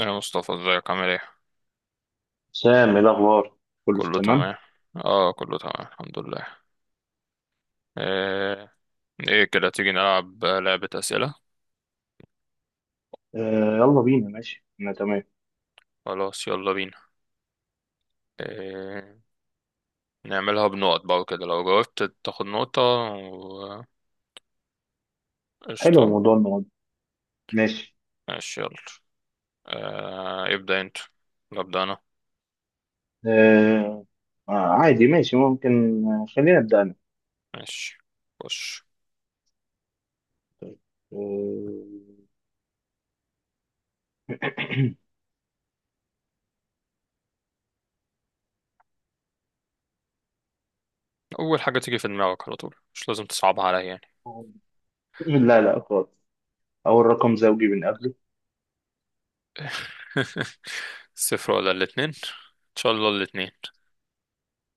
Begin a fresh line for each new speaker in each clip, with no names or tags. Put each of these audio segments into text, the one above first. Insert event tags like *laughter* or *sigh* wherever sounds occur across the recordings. يا مصطفى، ازيك؟ عامل ايه؟
سام، ايه الاخبار؟ كله في
كله
تمام.
تمام. اه، كله تمام الحمد لله. ايه, ايه كده، تيجي نلعب لعبة أسئلة؟
آه، يلا بينا، ماشي، انا تمام.
خلاص، يلا بينا. إيه؟ نعملها بنقط بقى وكده، لو جاوبت تاخد نقطة
حلو،
قشطة.
موضوع المواد. ماشي.
ماشي، يلا. آه، ابدأ انت ولا أبدأ أنا؟
آه، آه، عادي ماشي ممكن. آه، خلينا نبدا انا.
ماشي، خش. أول حاجة تيجي في دماغك على طول، مش لازم تصعبها عليا يعني.
آه. *clears throat* لا لا خالص. اول رقم زوجي بنقابله.
*laughs* صفر ولا الاتنين؟ إن شاء الله الاتنين.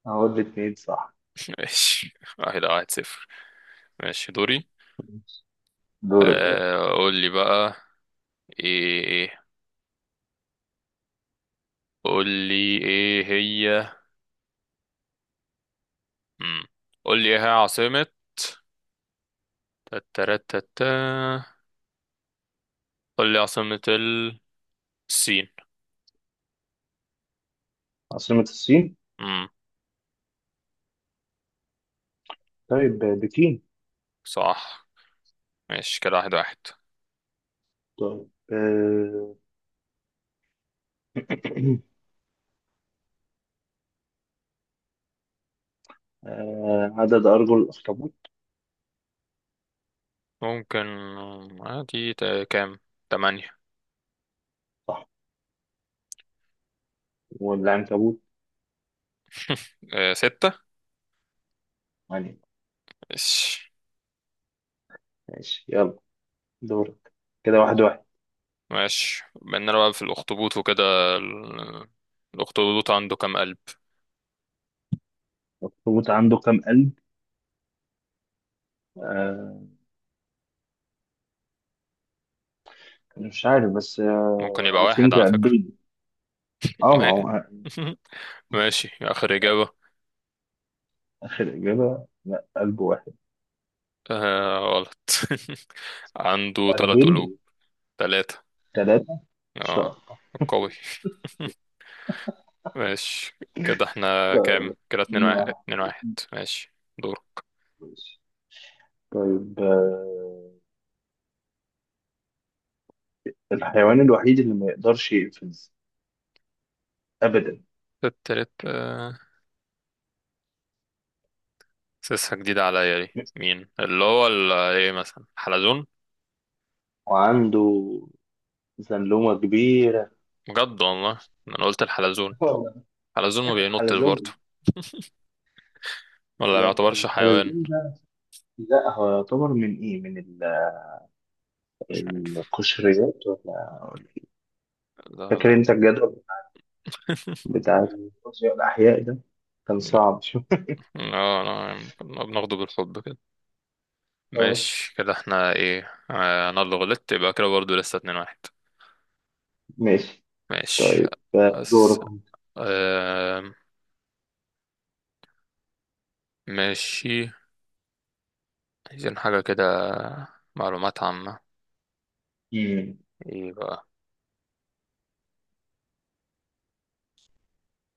اهو الاتنين، صح.
*laughs* ماشي، واحد واحد صفر. ماشي، دوري.
دورك أهو.
آه، قول لي بقى. ايه، قول لي ايه هي. مم. قول لي ايه هي عاصمة تترتتا، قول لي عاصمة الصين.
عاصمة الصين؟
امم
طيب، بكين.
صح. ماشي كده، 1-1.
طيب، *clears throat* عدد ارجل الاخطبوط؟
ممكن، عادي، كام؟ تمانية.
صح. والعنكبوت؟
ستة.
يعني.
ماشي.
ماشي يلا. دورك. كده 1-1.
ماشي بيننا بقى في الأخطبوط وكده. ال- الأخطبوط عنده كام قلب؟
الأخطبوط عنده كام قلب؟ آه مش عارف بس.
ممكن يبقى
اي
واحد
ثينك
على فكرة.
قلبين. اه، ما
*laughs*
هو.
ماشي، آخر إجابة.
آخر إجابة، لا، قلب واحد.
آه، غلط. *laughs* عنده تلات قلوب.
قلبين.
تلاتة.
ثلاثة.
اه،
شهر.
قوي. *laughs* ماشي كده، احنا
طيب.
كام كده؟ اتنين
اتنين
واحد،
واحد
اتنين واحد. ماشي، دورك.
ماشي. طيب، الحيوان الوحيد اللي ما يقدرش يقفز أبدا.
التالت. سيسها جديدة عليا دي، مين اللي هو ال- ايه مثلا حلزون؟
وعنده زنلومة كبيرة.
بجد والله، انا قلت الحلزون. حلزون ما
*laughs*
بينطش برضه؟
حلزون.
ولا ما
لا.
يعتبرش حيوان؟
الحلزون ده. لا، هو يعتبر من ايه، من
مش عارف.
القشريات.
لا
فاكر
لا.
انت
*laughs*
الجدول بتاع الفيزياء الأحياء ده، كان صعب شوية.
لا لا. لا، بناخده بالحب كده.
اه،
ماشي كده احنا ايه، انا اللي غلطت، يبقى كده برضه لسه 2-1.
ماشي.
ماشي.
طيب،
أس...
دورك.
آه... ماشي، عايزين حاجة كده، معلومات عامة.
مم.
ايه بقى،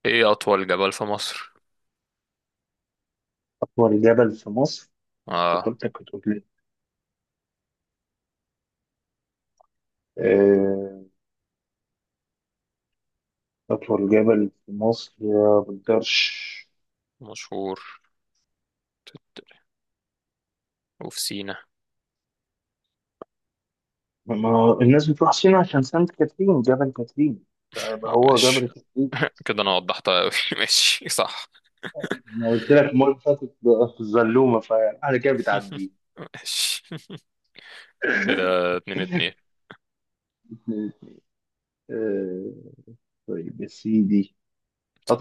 ايه أطول جبل في مصر؟
أطول جبل في مصر؟
اه،
فكرتك بتقول لي. آه، أطول جبل في مصر يا بالدرش.
مشهور. تت- وفي سينا.
ما هو الناس بتروح سينا عشان سانت كاترين، جبل كاترين، فيبقى هو جبل
ماشي.
كاترين.
*laughs* كده انا وضحتها اوي. *laughs* ماشي، صح.
أنا قلت لك المرة اللي فاتت بقى في الزلومة، فعلى كده
*laughs*
بتعديه.
ماشي كده، 2-2.
آه، طيب يا سيدي،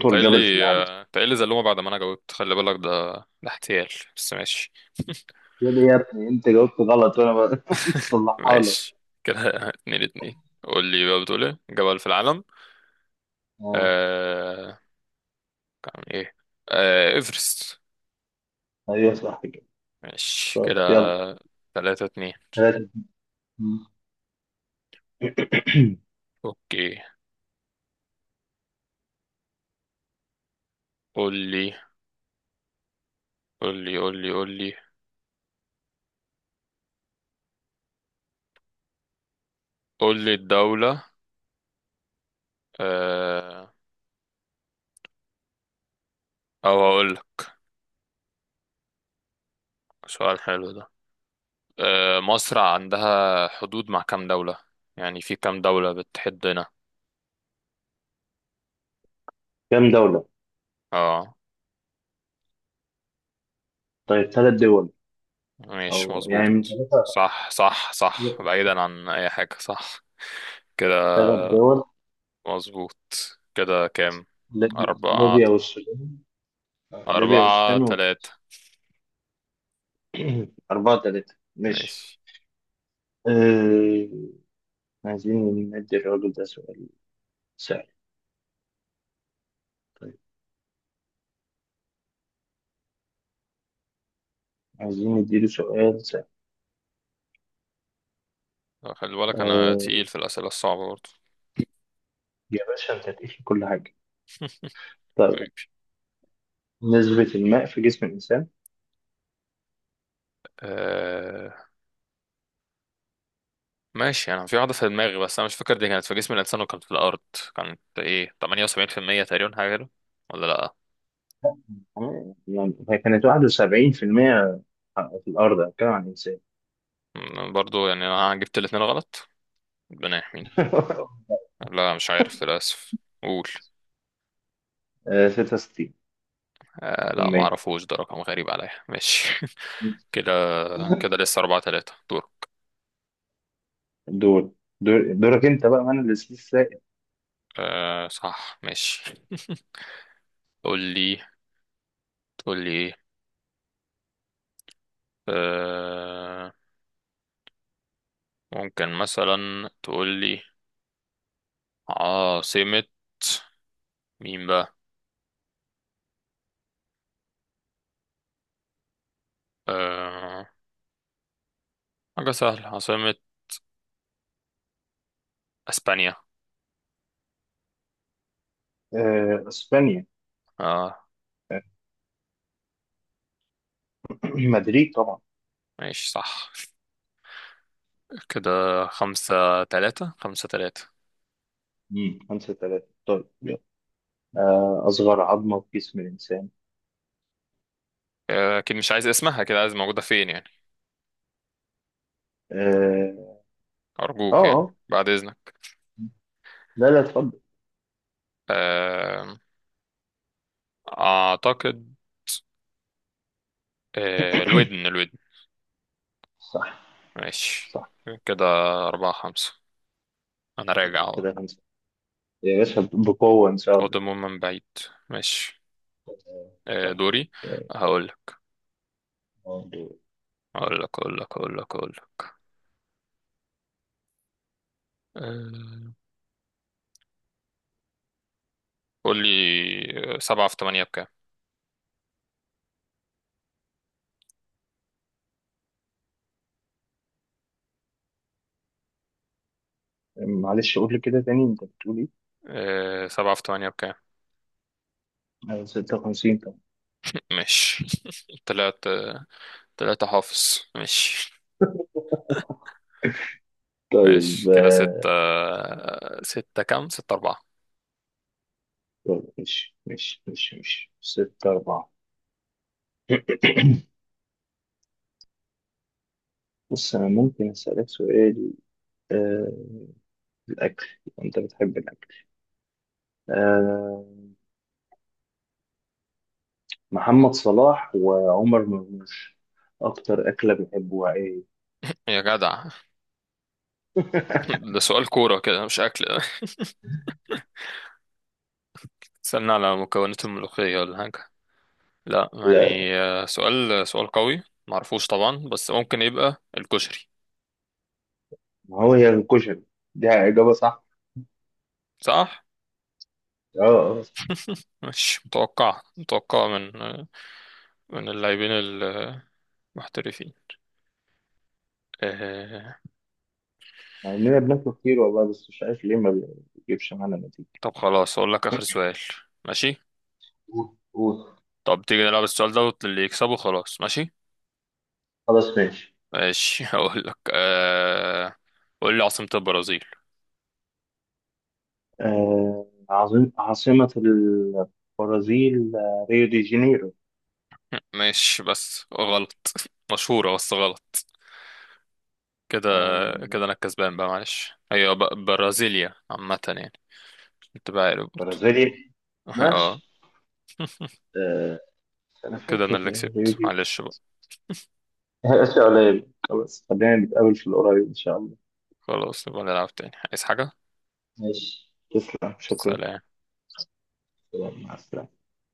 انت قايل
جبل في
لي،
العالم؟
انت قايل لي زلومة بعد ما انا جاوبت، خلي بالك ده احتيال. بس ماشي.
يا ابني، يا ابني، أنت جاوبت غلط وأنا بصلحها. *laughs*
ماشي كده. *laughs* 2-2. قول لي بقى، بتقول ايه جبل في العالم؟
اه،
آه... كان ايه؟ ايفرست.
ايوه، صح كده.
ماشي
طيب
كده،
يلا.
3-2.
ثلاثة.
اوكي. قول لي قول لي قول لي قول لي قول لي الدولة. آه... او هقول لك، سؤال حلو ده. مصر عندها حدود مع كام دولة، يعني في كام دولة بتحدنا؟
كم دولة؟
اه.
طيب، ثلاث دول.
ماشي،
أو يعني من
مظبوط،
ثلاثة.
صح صح صح، بعيدا عن اي حاجة، صح كده.
ثلاث دول.
مظبوط. كده كام؟ أربعة.
ليبيا والسودان. ليبيا
أربعة
والسودان
تلاتة
وتونس. *clears throat* 4-3، ماشي.
ماشي.
آه، عايزين ندي الراجل ده سؤال سهل. طيب، عايزين نديله سؤال سهل.
خلي بالك أنا
آه،
تقيل في الأسئلة الصعبة برضه.
يا باشا، أنت تقيس في كل حاجة. طيب،
حبيبي.
نسبة الماء في جسم الإنسان؟
آه... ماشي، أنا في واحدة في دماغي بس أنا مش فاكر دي كانت في جسم الإنسان وكانت في الأرض. كانت إيه، 78% تقريبا، حاجة كده، ولا لأ؟
يعني هي كانت 71% في المية في الأرض، أتكلم عن الإنسان.
برضه يعني أنا جبت الاتنين غلط. ربنا يحميني.
*laughs*
لا، مش عارف للأسف. قول.
66%.
آه لا، معرفوش، ده رقم غريب عليا. ماشي. *laughs* كده كده، لسه 4-3. دور.
دول. دورك انت بقى، من السبيس السائل.
آه، صح، ماشي. *laughs* تقول لي، تقول لي ايه؟ آه ممكن مثلا تقول لي عاصمة مين بقى؟ آه حاجة سهلة، عاصمة اسبانيا.
آه، اسبانيا.
اه.
آه *clears throat* مدريد طبعا.
ماشي، صح كده. خمسة تلاتة، خمسة تلاتة.
مم. 5-3، طيب يلا. أصغر عظمة في جسم الإنسان؟
آه، اكيد مش عايز اسمها كده، عايز موجودة فين يعني.
آه، آه،
ارجوك يعني،
آه.
بعد اذنك.
لا، لا، اتفضل.
آه اعتقد، الودن، الودن.
صح،
ماشي
صح.
كده، 4-5. أنا راجع أهو،
كده خمسة. يا باشا، بقوة إن شاء الله.
قادم من بعيد. ماشي. آه،
طيب.
دوري.
آه،
هقول لك
برضو-
هقول لك هقول لك هقول لك هقول لك. آه، قول لي، 7 × 8 بكام؟
معلش، قول لي كده تاني، أنت بتقول إيه؟
سبعة في تمانية بكام؟
56 طبعا.
ماشي. *laughs* تلاتة. تلاتة حافظ، ماشي.
طيب،
ماشي كده، ستة. ستة كام، 6-4.
طيب، ماشي ماشي ماشي ماشي، 6-4. بص، أنا ممكن أسألك سؤال. آه الأكل. أنت بتحب الأكل؟ آه. محمد صلاح وعمر مرموش، أكتر أكلة بيحبوها إيه؟
يا جدع. *laughs*
*laughs*
ده سؤال كورة كده، مش أكل. *laughs* استنى على مكونات الملوخية ولا حاجة؟ لا
لا،
يعني، سؤال سؤال قوي، معرفوش طبعا، بس ممكن يبقى الكشري.
ما هو هي الكشري دي إجابة صح.
صح.
آه، آه.
مش متوقع، متوقع من اللاعبين المحترفين. آه...
مع إننا بناكله كتير والله، بس مش عارف ليه ما بيجيبش معانا نتيجة.
طب خلاص، اقول لك اخر سؤال. ماشي.
قول، قول.
طب تيجي نلعب السؤال ده واللي يكسبه خلاص، ماشي.
خلاص ماشي.
ماشي. *laughs* هقول لك. قول لي عاصمة البرازيل.
عظيم. عاصمة البرازيل؟ ريو دي جانيرو.
ماشي بس غلط. *laughs* مشهورة بس غلط. كده. كده
آه
انا الكسبان بقى، معلش، هي برازيليا، عامة يعني، انت بقى عارف برضه.
برازيليا.
*laughs*
ماشي،
اه.
أنا
كده انا
فاكر
اللي
يعني هي
كسبت،
دي.
معلش بقى.
هي أشياء قليلة، خلاص خلينا نتقابل في القريب إن شاء الله.
خلاص، نبقى نلعب تاني، عايز حاجة.
ماشي، تسلم، شكرا.
سلام.
سلام. مع السلامة.